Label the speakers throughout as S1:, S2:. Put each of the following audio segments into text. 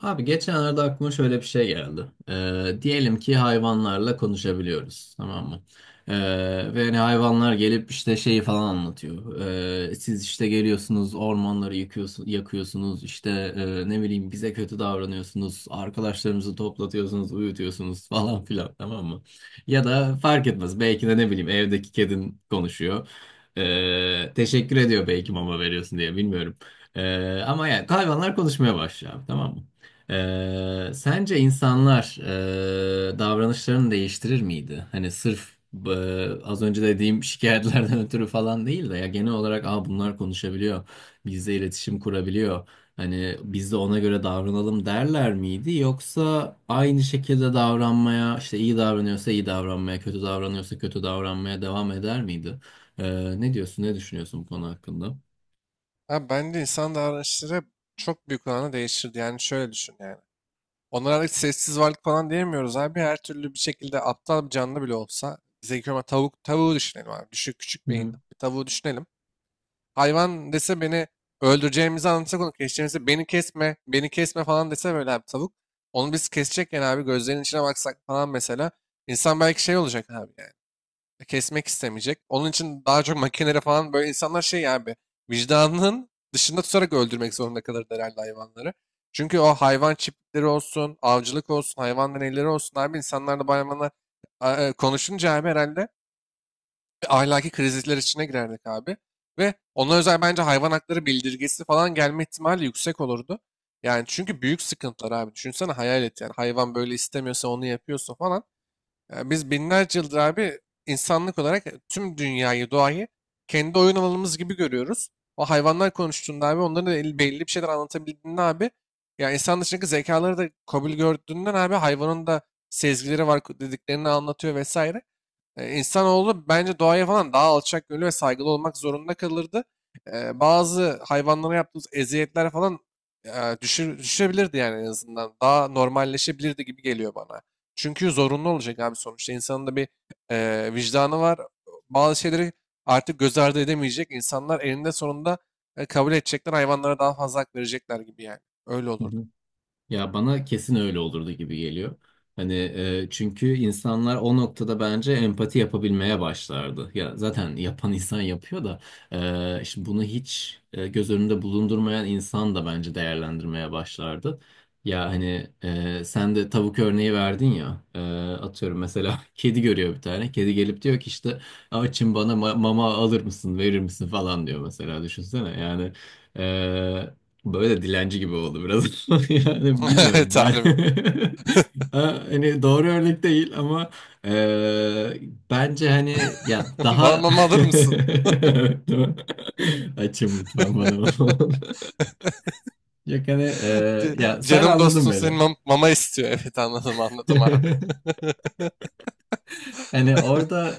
S1: Abi geçenlerde aklıma şöyle bir şey geldi. Diyelim ki hayvanlarla konuşabiliyoruz, tamam mı? Ee, Ve hani hayvanlar gelip işte şeyi falan anlatıyor. Siz işte geliyorsunuz, ormanları yıkıyorsun, yakıyorsunuz, işte ne bileyim bize kötü davranıyorsunuz, arkadaşlarımızı toplatıyorsunuz, uyutuyorsunuz falan filan, tamam mı? Ya da fark etmez, belki de ne bileyim evdeki kedin konuşuyor. Teşekkür ediyor belki mama veriyorsun diye, bilmiyorum. Ama yani hayvanlar konuşmaya başlıyor, abi, tamam mı? Sence insanlar davranışlarını değiştirir miydi? Hani sırf e, az önce dediğim şikayetlerden ötürü falan değil de ya genel olarak aa, bunlar konuşabiliyor, bizle iletişim kurabiliyor. Hani biz de ona göre davranalım derler miydi? Yoksa aynı şekilde davranmaya, işte iyi davranıyorsa iyi davranmaya, kötü davranıyorsa kötü davranmaya devam eder miydi? Ne diyorsun, ne düşünüyorsun bu konu hakkında?
S2: Abi bence insan davranışları çok büyük oranda değişirdi. Yani şöyle düşün yani. Onlara artık sessiz varlık falan diyemiyoruz abi. Her türlü bir şekilde aptal bir canlı bile olsa. Zeki ama tavuk, tavuğu düşünelim abi. Düşük küçük beyinli
S1: Hı
S2: bir tavuğu düşünelim. Hayvan dese beni öldüreceğimizi anlatsak onu keseceğimizi beni kesme, beni kesme falan dese böyle abi tavuk. Onu biz kesecekken abi gözlerinin içine baksak falan mesela. İnsan belki şey olacak abi yani kesmek istemeyecek. Onun için daha çok makinelere falan böyle insanlar şey abi vicdanının dışında tutarak öldürmek zorunda kalır herhalde hayvanları. Çünkü o hayvan çiftlikleri olsun, avcılık olsun, hayvan deneyleri olsun abi insanlarla bayramına konuşunca abi herhalde ahlaki krizler içine girerdik abi. Ve ona özel bence hayvan hakları bildirgesi falan gelme ihtimali yüksek olurdu. Yani çünkü büyük sıkıntılar abi. Düşünsene hayal et yani hayvan böyle istemiyorsa onu yapıyorsa falan. Ya biz binlerce yıldır abi insanlık olarak tüm dünyayı, doğayı kendi oyun alanımız gibi görüyoruz. O hayvanlar konuştuğunda abi onların da belli bir şeyler anlatabildiğinde abi ya insan dışındaki zekaları da kabul gördüğünden abi hayvanın da sezgileri var dediklerini anlatıyor vesaire. İnsanoğlu bence doğaya falan daha alçak gönüllü ve saygılı olmak zorunda kalırdı. Bazı hayvanlara yaptığımız eziyetler falan düşebilirdi yani en azından. Daha normalleşebilirdi gibi geliyor bana. Çünkü zorunlu olacak abi sonuçta. İnsanın da bir vicdanı var. Bazı şeyleri artık göz ardı edemeyecek. İnsanlar elinde sonunda kabul edecekler. Hayvanlara daha fazla hak verecekler gibi yani. Öyle
S1: hı.
S2: olurdu.
S1: Ya bana kesin öyle olurdu gibi geliyor. Hani çünkü insanlar o noktada bence empati yapabilmeye başlardı. Ya zaten yapan insan yapıyor da şimdi bunu hiç göz önünde bulundurmayan insan da bence değerlendirmeye başlardı. Ya hani sen de tavuk örneği verdin ya, atıyorum mesela kedi görüyor, bir tane kedi gelip diyor ki işte açım, bana mama alır mısın, verir misin falan diyor mesela, düşünsene yani. Böyle de dilenci gibi oldu biraz. Yani bilmiyorum ben.
S2: Tarifi.
S1: Ha, hani doğru örnek değil ama eee, bence hani ya daha
S2: Bana alır mısın?
S1: evet, değil mi? Açım lütfen bana. Yok hani ya sen
S2: Canım
S1: anladın
S2: dostum
S1: beni.
S2: senin mama istiyor. Evet, anladım, anladım abi.
S1: Hani orada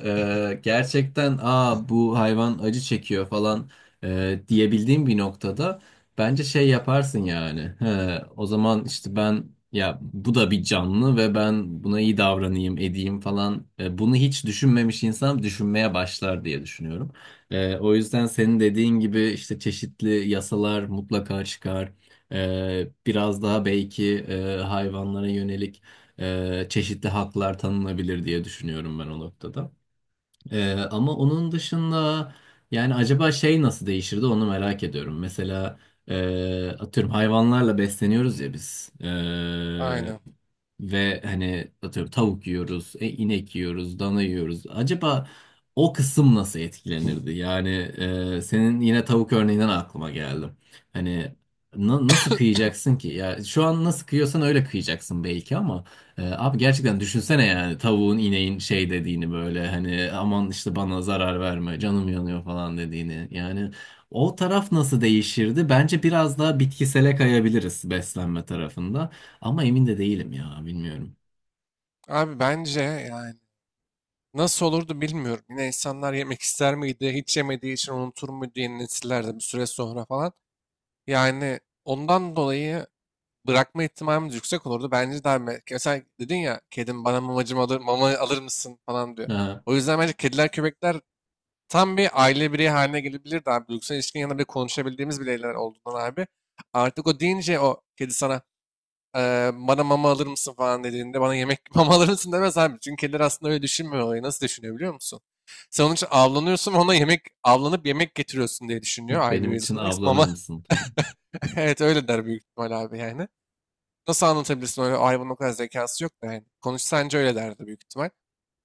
S1: gerçekten aa bu hayvan acı çekiyor falan diyebildiğim bir noktada bence şey yaparsın yani. He, o zaman işte ben, ya bu da bir canlı ve ben buna iyi davranayım edeyim falan. E, bunu hiç düşünmemiş insan düşünmeye başlar diye düşünüyorum. E, o yüzden senin dediğin gibi işte çeşitli yasalar mutlaka çıkar. E, biraz daha belki hayvanlara yönelik çeşitli haklar tanınabilir diye düşünüyorum ben o noktada. E, ama onun dışında yani acaba şey nasıl değişirdi onu merak ediyorum. Mesela atıyorum hayvanlarla besleniyoruz ya biz. E,
S2: Aynen.
S1: ve hani atıyorum tavuk yiyoruz, inek yiyoruz, dana yiyoruz. Acaba o kısım nasıl etkilenirdi? Yani senin yine tavuk örneğinden aklıma geldi. Hani nasıl kıyacaksın ki? Ya şu an nasıl kıyıyorsan öyle kıyacaksın belki ama abi gerçekten düşünsene yani tavuğun, ineğin şey dediğini, böyle hani aman işte bana zarar verme, canım yanıyor falan dediğini. Yani o taraf nasıl değişirdi? Bence biraz daha bitkisele kayabiliriz beslenme tarafında. Ama emin de değilim ya, bilmiyorum.
S2: Abi bence yani nasıl olurdu bilmiyorum. Yine insanlar yemek ister miydi? Hiç yemediği için unutur muydu yeni nesiller de bir süre sonra falan. Yani ondan dolayı bırakma ihtimalimiz yüksek olurdu. Bence daha mesela dedin ya kedim bana mamacım alır, mama alır mısın falan diyor.
S1: Ha,
S2: O yüzden bence kediler köpekler tam bir aile bireyi haline gelebilirdi abi. Duygusal ilişkinin yanında bile konuşabildiğimiz bireyler olduğundan abi. Artık o deyince o kedi sana, bana mama alır mısın" falan dediğinde bana yemek mama alır mısın demez abi. Çünkü kediler aslında öyle düşünmüyor olayı. Nasıl düşünüyor biliyor musun? Sen onun için avlanıyorsun ve ona yemek avlanıp yemek getiriyorsun diye düşünüyor aile
S1: benim için
S2: üyesi olarak.
S1: avlanır
S2: Mama
S1: mısın falan.
S2: evet öyle der büyük ihtimal abi yani. Nasıl anlatabilirsin öyle hayvanın o kadar zekası yok da yani. Konuşsa anca öyle derdi büyük ihtimal.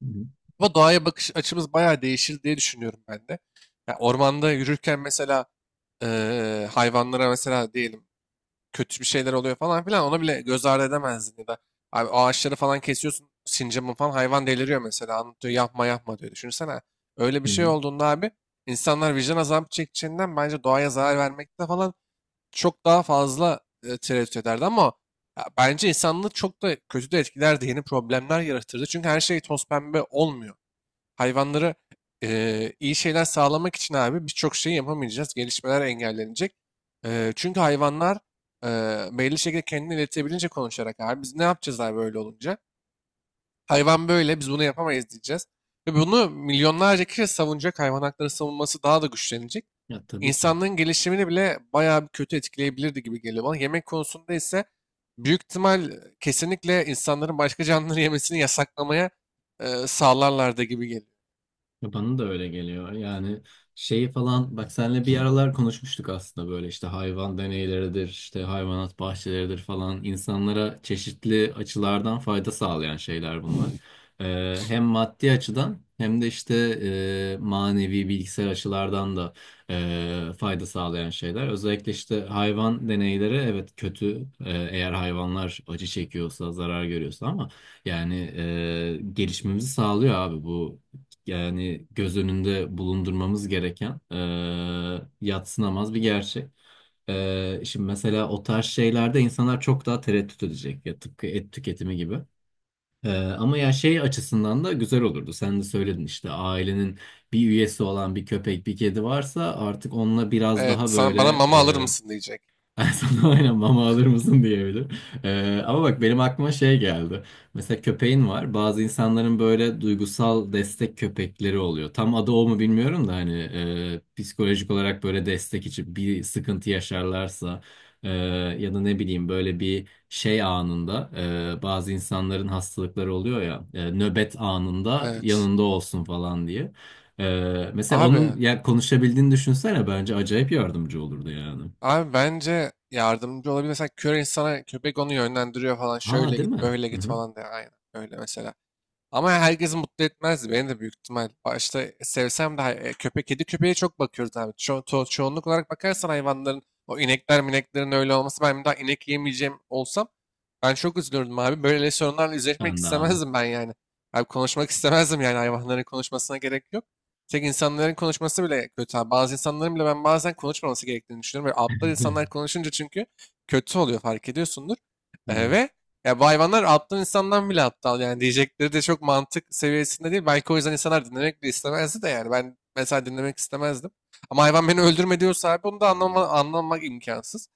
S1: Hı hı.
S2: Ama doğaya bakış açımız bayağı değişir diye düşünüyorum ben de. Ya ormanda yürürken mesela hayvanlara mesela diyelim kötü bir şeyler oluyor falan filan ona bile göz ardı edemezdin ya da abi ağaçları falan kesiyorsun sincapın falan hayvan deliriyor mesela anlatıyor yapma yapma diyor. Düşünsene öyle
S1: Hı
S2: bir şey
S1: hı.
S2: olduğunda abi insanlar vicdan azabı çekeceğinden bence doğaya zarar vermekte falan çok daha fazla tereddüt ederdi ama ya, bence insanlığı çok da kötü de etkilerdi. Yeni problemler yaratırdı. Çünkü her şey toz pembe olmuyor. Hayvanlara iyi şeyler sağlamak için abi birçok şeyi yapamayacağız. Gelişmeler engellenecek. Çünkü hayvanlar e, belli şekilde kendini iletebilince konuşarak abi biz ne yapacağız abi böyle olunca? Hayvan böyle biz bunu yapamayız diyeceğiz. Ve bunu milyonlarca kişi savunacak. Hayvan hakları savunması daha da güçlenecek,
S1: Ya tabii ki.
S2: insanlığın gelişimini bile bayağı bir kötü etkileyebilirdi gibi geliyor bana. Yemek konusunda ise büyük ihtimal kesinlikle insanların başka canlıları yemesini yasaklamaya sağlarlardı gibi geliyor.
S1: Ya bana da öyle geliyor. Yani şeyi falan bak senle bir aralar konuşmuştuk aslında, böyle işte hayvan deneyleridir, işte hayvanat bahçeleridir falan, insanlara çeşitli açılardan fayda sağlayan şeyler bunlar. Hem maddi açıdan hem de işte manevi bilgisayar açılardan da fayda sağlayan şeyler. Özellikle işte hayvan deneyleri evet kötü, eğer hayvanlar acı çekiyorsa, zarar görüyorsa, ama yani gelişmemizi sağlıyor abi bu, yani göz önünde bulundurmamız gereken yadsınamaz bir gerçek. E, şimdi mesela o tarz şeylerde insanlar çok daha tereddüt edecek ya, tıpkı et tüketimi gibi. E, ama ya şey açısından da güzel olurdu. Sen de söyledin işte ailenin bir üyesi olan bir köpek, bir kedi varsa artık onunla biraz
S2: Evet,
S1: daha
S2: sana, bana
S1: böyle
S2: mama alır mısın diyecek.
S1: sana aynen mama alır mısın diyebilir. Ama bak benim aklıma şey geldi. Mesela köpeğin var. Bazı insanların böyle duygusal destek köpekleri oluyor. Tam adı o mu bilmiyorum da, hani psikolojik olarak böyle destek için bir sıkıntı yaşarlarsa, e, ya da ne bileyim böyle bir şey anında, bazı insanların hastalıkları oluyor ya, nöbet anında
S2: Evet.
S1: yanında olsun falan diye. E, mesela
S2: Abi,
S1: onun ya konuşabildiğini düşünsene, bence acayip yardımcı olurdu yani.
S2: abi, bence yardımcı olabilir. Mesela kör insana köpek onu yönlendiriyor falan.
S1: Ha,
S2: Şöyle
S1: değil
S2: git,
S1: mi?
S2: böyle
S1: Hı
S2: git
S1: hı.
S2: falan diye. Aynen öyle mesela. Ama herkesi mutlu etmezdi. Beni de büyük ihtimal başta sevsem de köpek, kedi köpeğe çok bakıyoruz abi. Çoğunluk olarak bakarsan hayvanların o inekler mineklerin öyle olması ben bir daha inek yemeyeceğim olsam ben çok üzülürdüm abi. Böyle sorunlarla yüzleşmek
S1: Ben de abi.
S2: istemezdim ben yani. Abi konuşmak istemezdim yani hayvanların konuşmasına gerek yok. Tek insanların konuşması bile kötü abi. Bazı insanların bile ben bazen konuşmaması gerektiğini düşünüyorum. Böyle aptal insanlar konuşunca çünkü kötü oluyor fark ediyorsundur. Ve ya bu hayvanlar aptal insandan bile aptal yani diyecekleri de çok mantık seviyesinde değil. Belki o yüzden insanlar dinlemek bile istemezdi de yani ben mesela dinlemek istemezdim. Ama hayvan beni öldürme diyorsa abi onu da anlamak imkansız.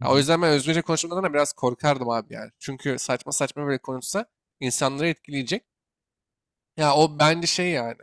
S1: Hı
S2: Ya o
S1: hı.
S2: yüzden ben özgürce konuşmadan da biraz korkardım abi yani. Çünkü saçma saçma böyle konuşsa insanları etkileyecek. Ya o bence şey yani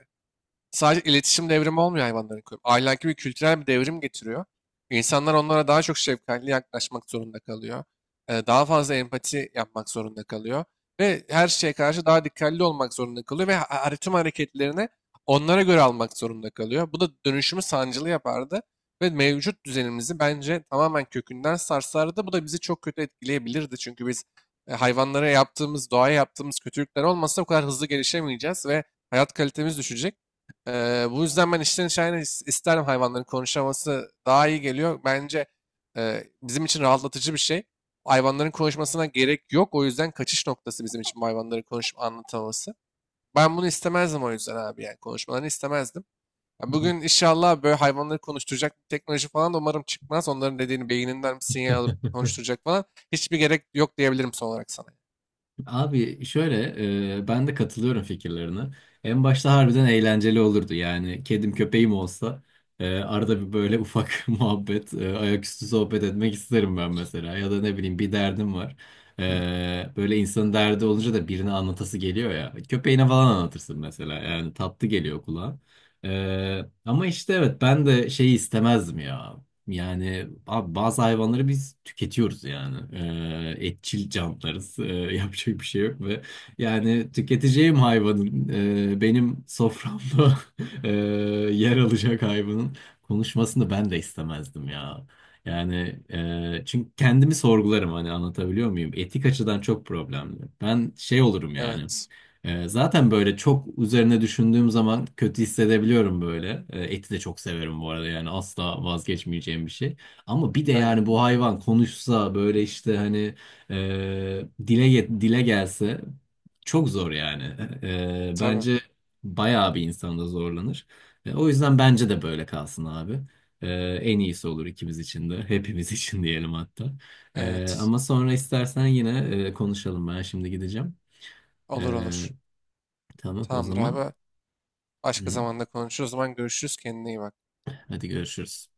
S2: sadece iletişim devrimi olmuyor hayvanların koyup. Ahlaki bir kültürel bir devrim getiriyor. İnsanlar onlara daha çok şefkatli yaklaşmak zorunda kalıyor. Daha fazla empati yapmak zorunda kalıyor. Ve her şeye karşı daha dikkatli olmak zorunda kalıyor. Ve tüm hareketlerini onlara göre almak zorunda kalıyor. Bu da dönüşümü sancılı yapardı. Ve mevcut düzenimizi bence tamamen kökünden sarsardı. Bu da bizi çok kötü etkileyebilirdi. Çünkü biz hayvanlara yaptığımız, doğaya yaptığımız kötülükler olmasa bu kadar hızlı gelişemeyeceğiz ve hayat kalitemiz düşecek. Bu yüzden ben içten içe aynen isterim hayvanların konuşaması daha iyi geliyor. Bence bizim için rahatlatıcı bir şey. Hayvanların konuşmasına gerek yok. O yüzden kaçış noktası bizim için bu hayvanların konuşup anlatamaması. Ben bunu istemezdim o yüzden abi yani konuşmalarını istemezdim. Ya
S1: Hı hı.
S2: bugün inşallah böyle hayvanları konuşturacak bir teknoloji falan da umarım çıkmaz. Onların dediğini beyninden bir sinyal alıp konuşturacak falan. Hiçbir gerek yok diyebilirim son olarak sana.
S1: Abi şöyle, ben de katılıyorum fikirlerine. En başta harbiden eğlenceli olurdu yani kedim köpeğim olsa arada bir böyle ufak muhabbet, ayaküstü sohbet etmek isterim ben mesela, ya da ne bileyim bir derdim var. E, böyle insanın derdi olunca da birine anlatası geliyor ya, köpeğine falan anlatırsın mesela, yani tatlı geliyor kulağa. E, ama işte evet ben de şeyi istemezdim ya. Yani abi bazı hayvanları biz tüketiyoruz yani. Etçil canlılarız. Yapacak bir şey yok, ve yani tüketeceğim hayvanın, benim soframda e, yer alacak hayvanın konuşmasını ben de istemezdim ya. Yani çünkü kendimi sorgularım, hani anlatabiliyor muyum? Etik açıdan çok problemli. Ben şey olurum yani.
S2: Evet.
S1: Zaten böyle çok üzerine düşündüğüm zaman kötü hissedebiliyorum böyle. Eti de çok severim bu arada, yani asla vazgeçmeyeceğim bir şey. Ama bir de
S2: Aynen.
S1: yani bu hayvan konuşsa böyle işte hani dile gelse, çok zor yani.
S2: Tabii.
S1: Bence bayağı bir insan da zorlanır. E, o yüzden bence de böyle kalsın abi. Ee, En iyisi olur ikimiz için de, hepimiz için diyelim hatta.
S2: Evet.
S1: Ama sonra istersen yine konuşalım. Ben şimdi gideceğim.
S2: Olur,
S1: Ee,
S2: olur.
S1: Tamam o
S2: Tamamdır
S1: zaman.
S2: abi. Başka
S1: Hı.
S2: zamanda konuşuruz. O zaman görüşürüz. Kendine iyi bak.
S1: Hadi görüşürüz.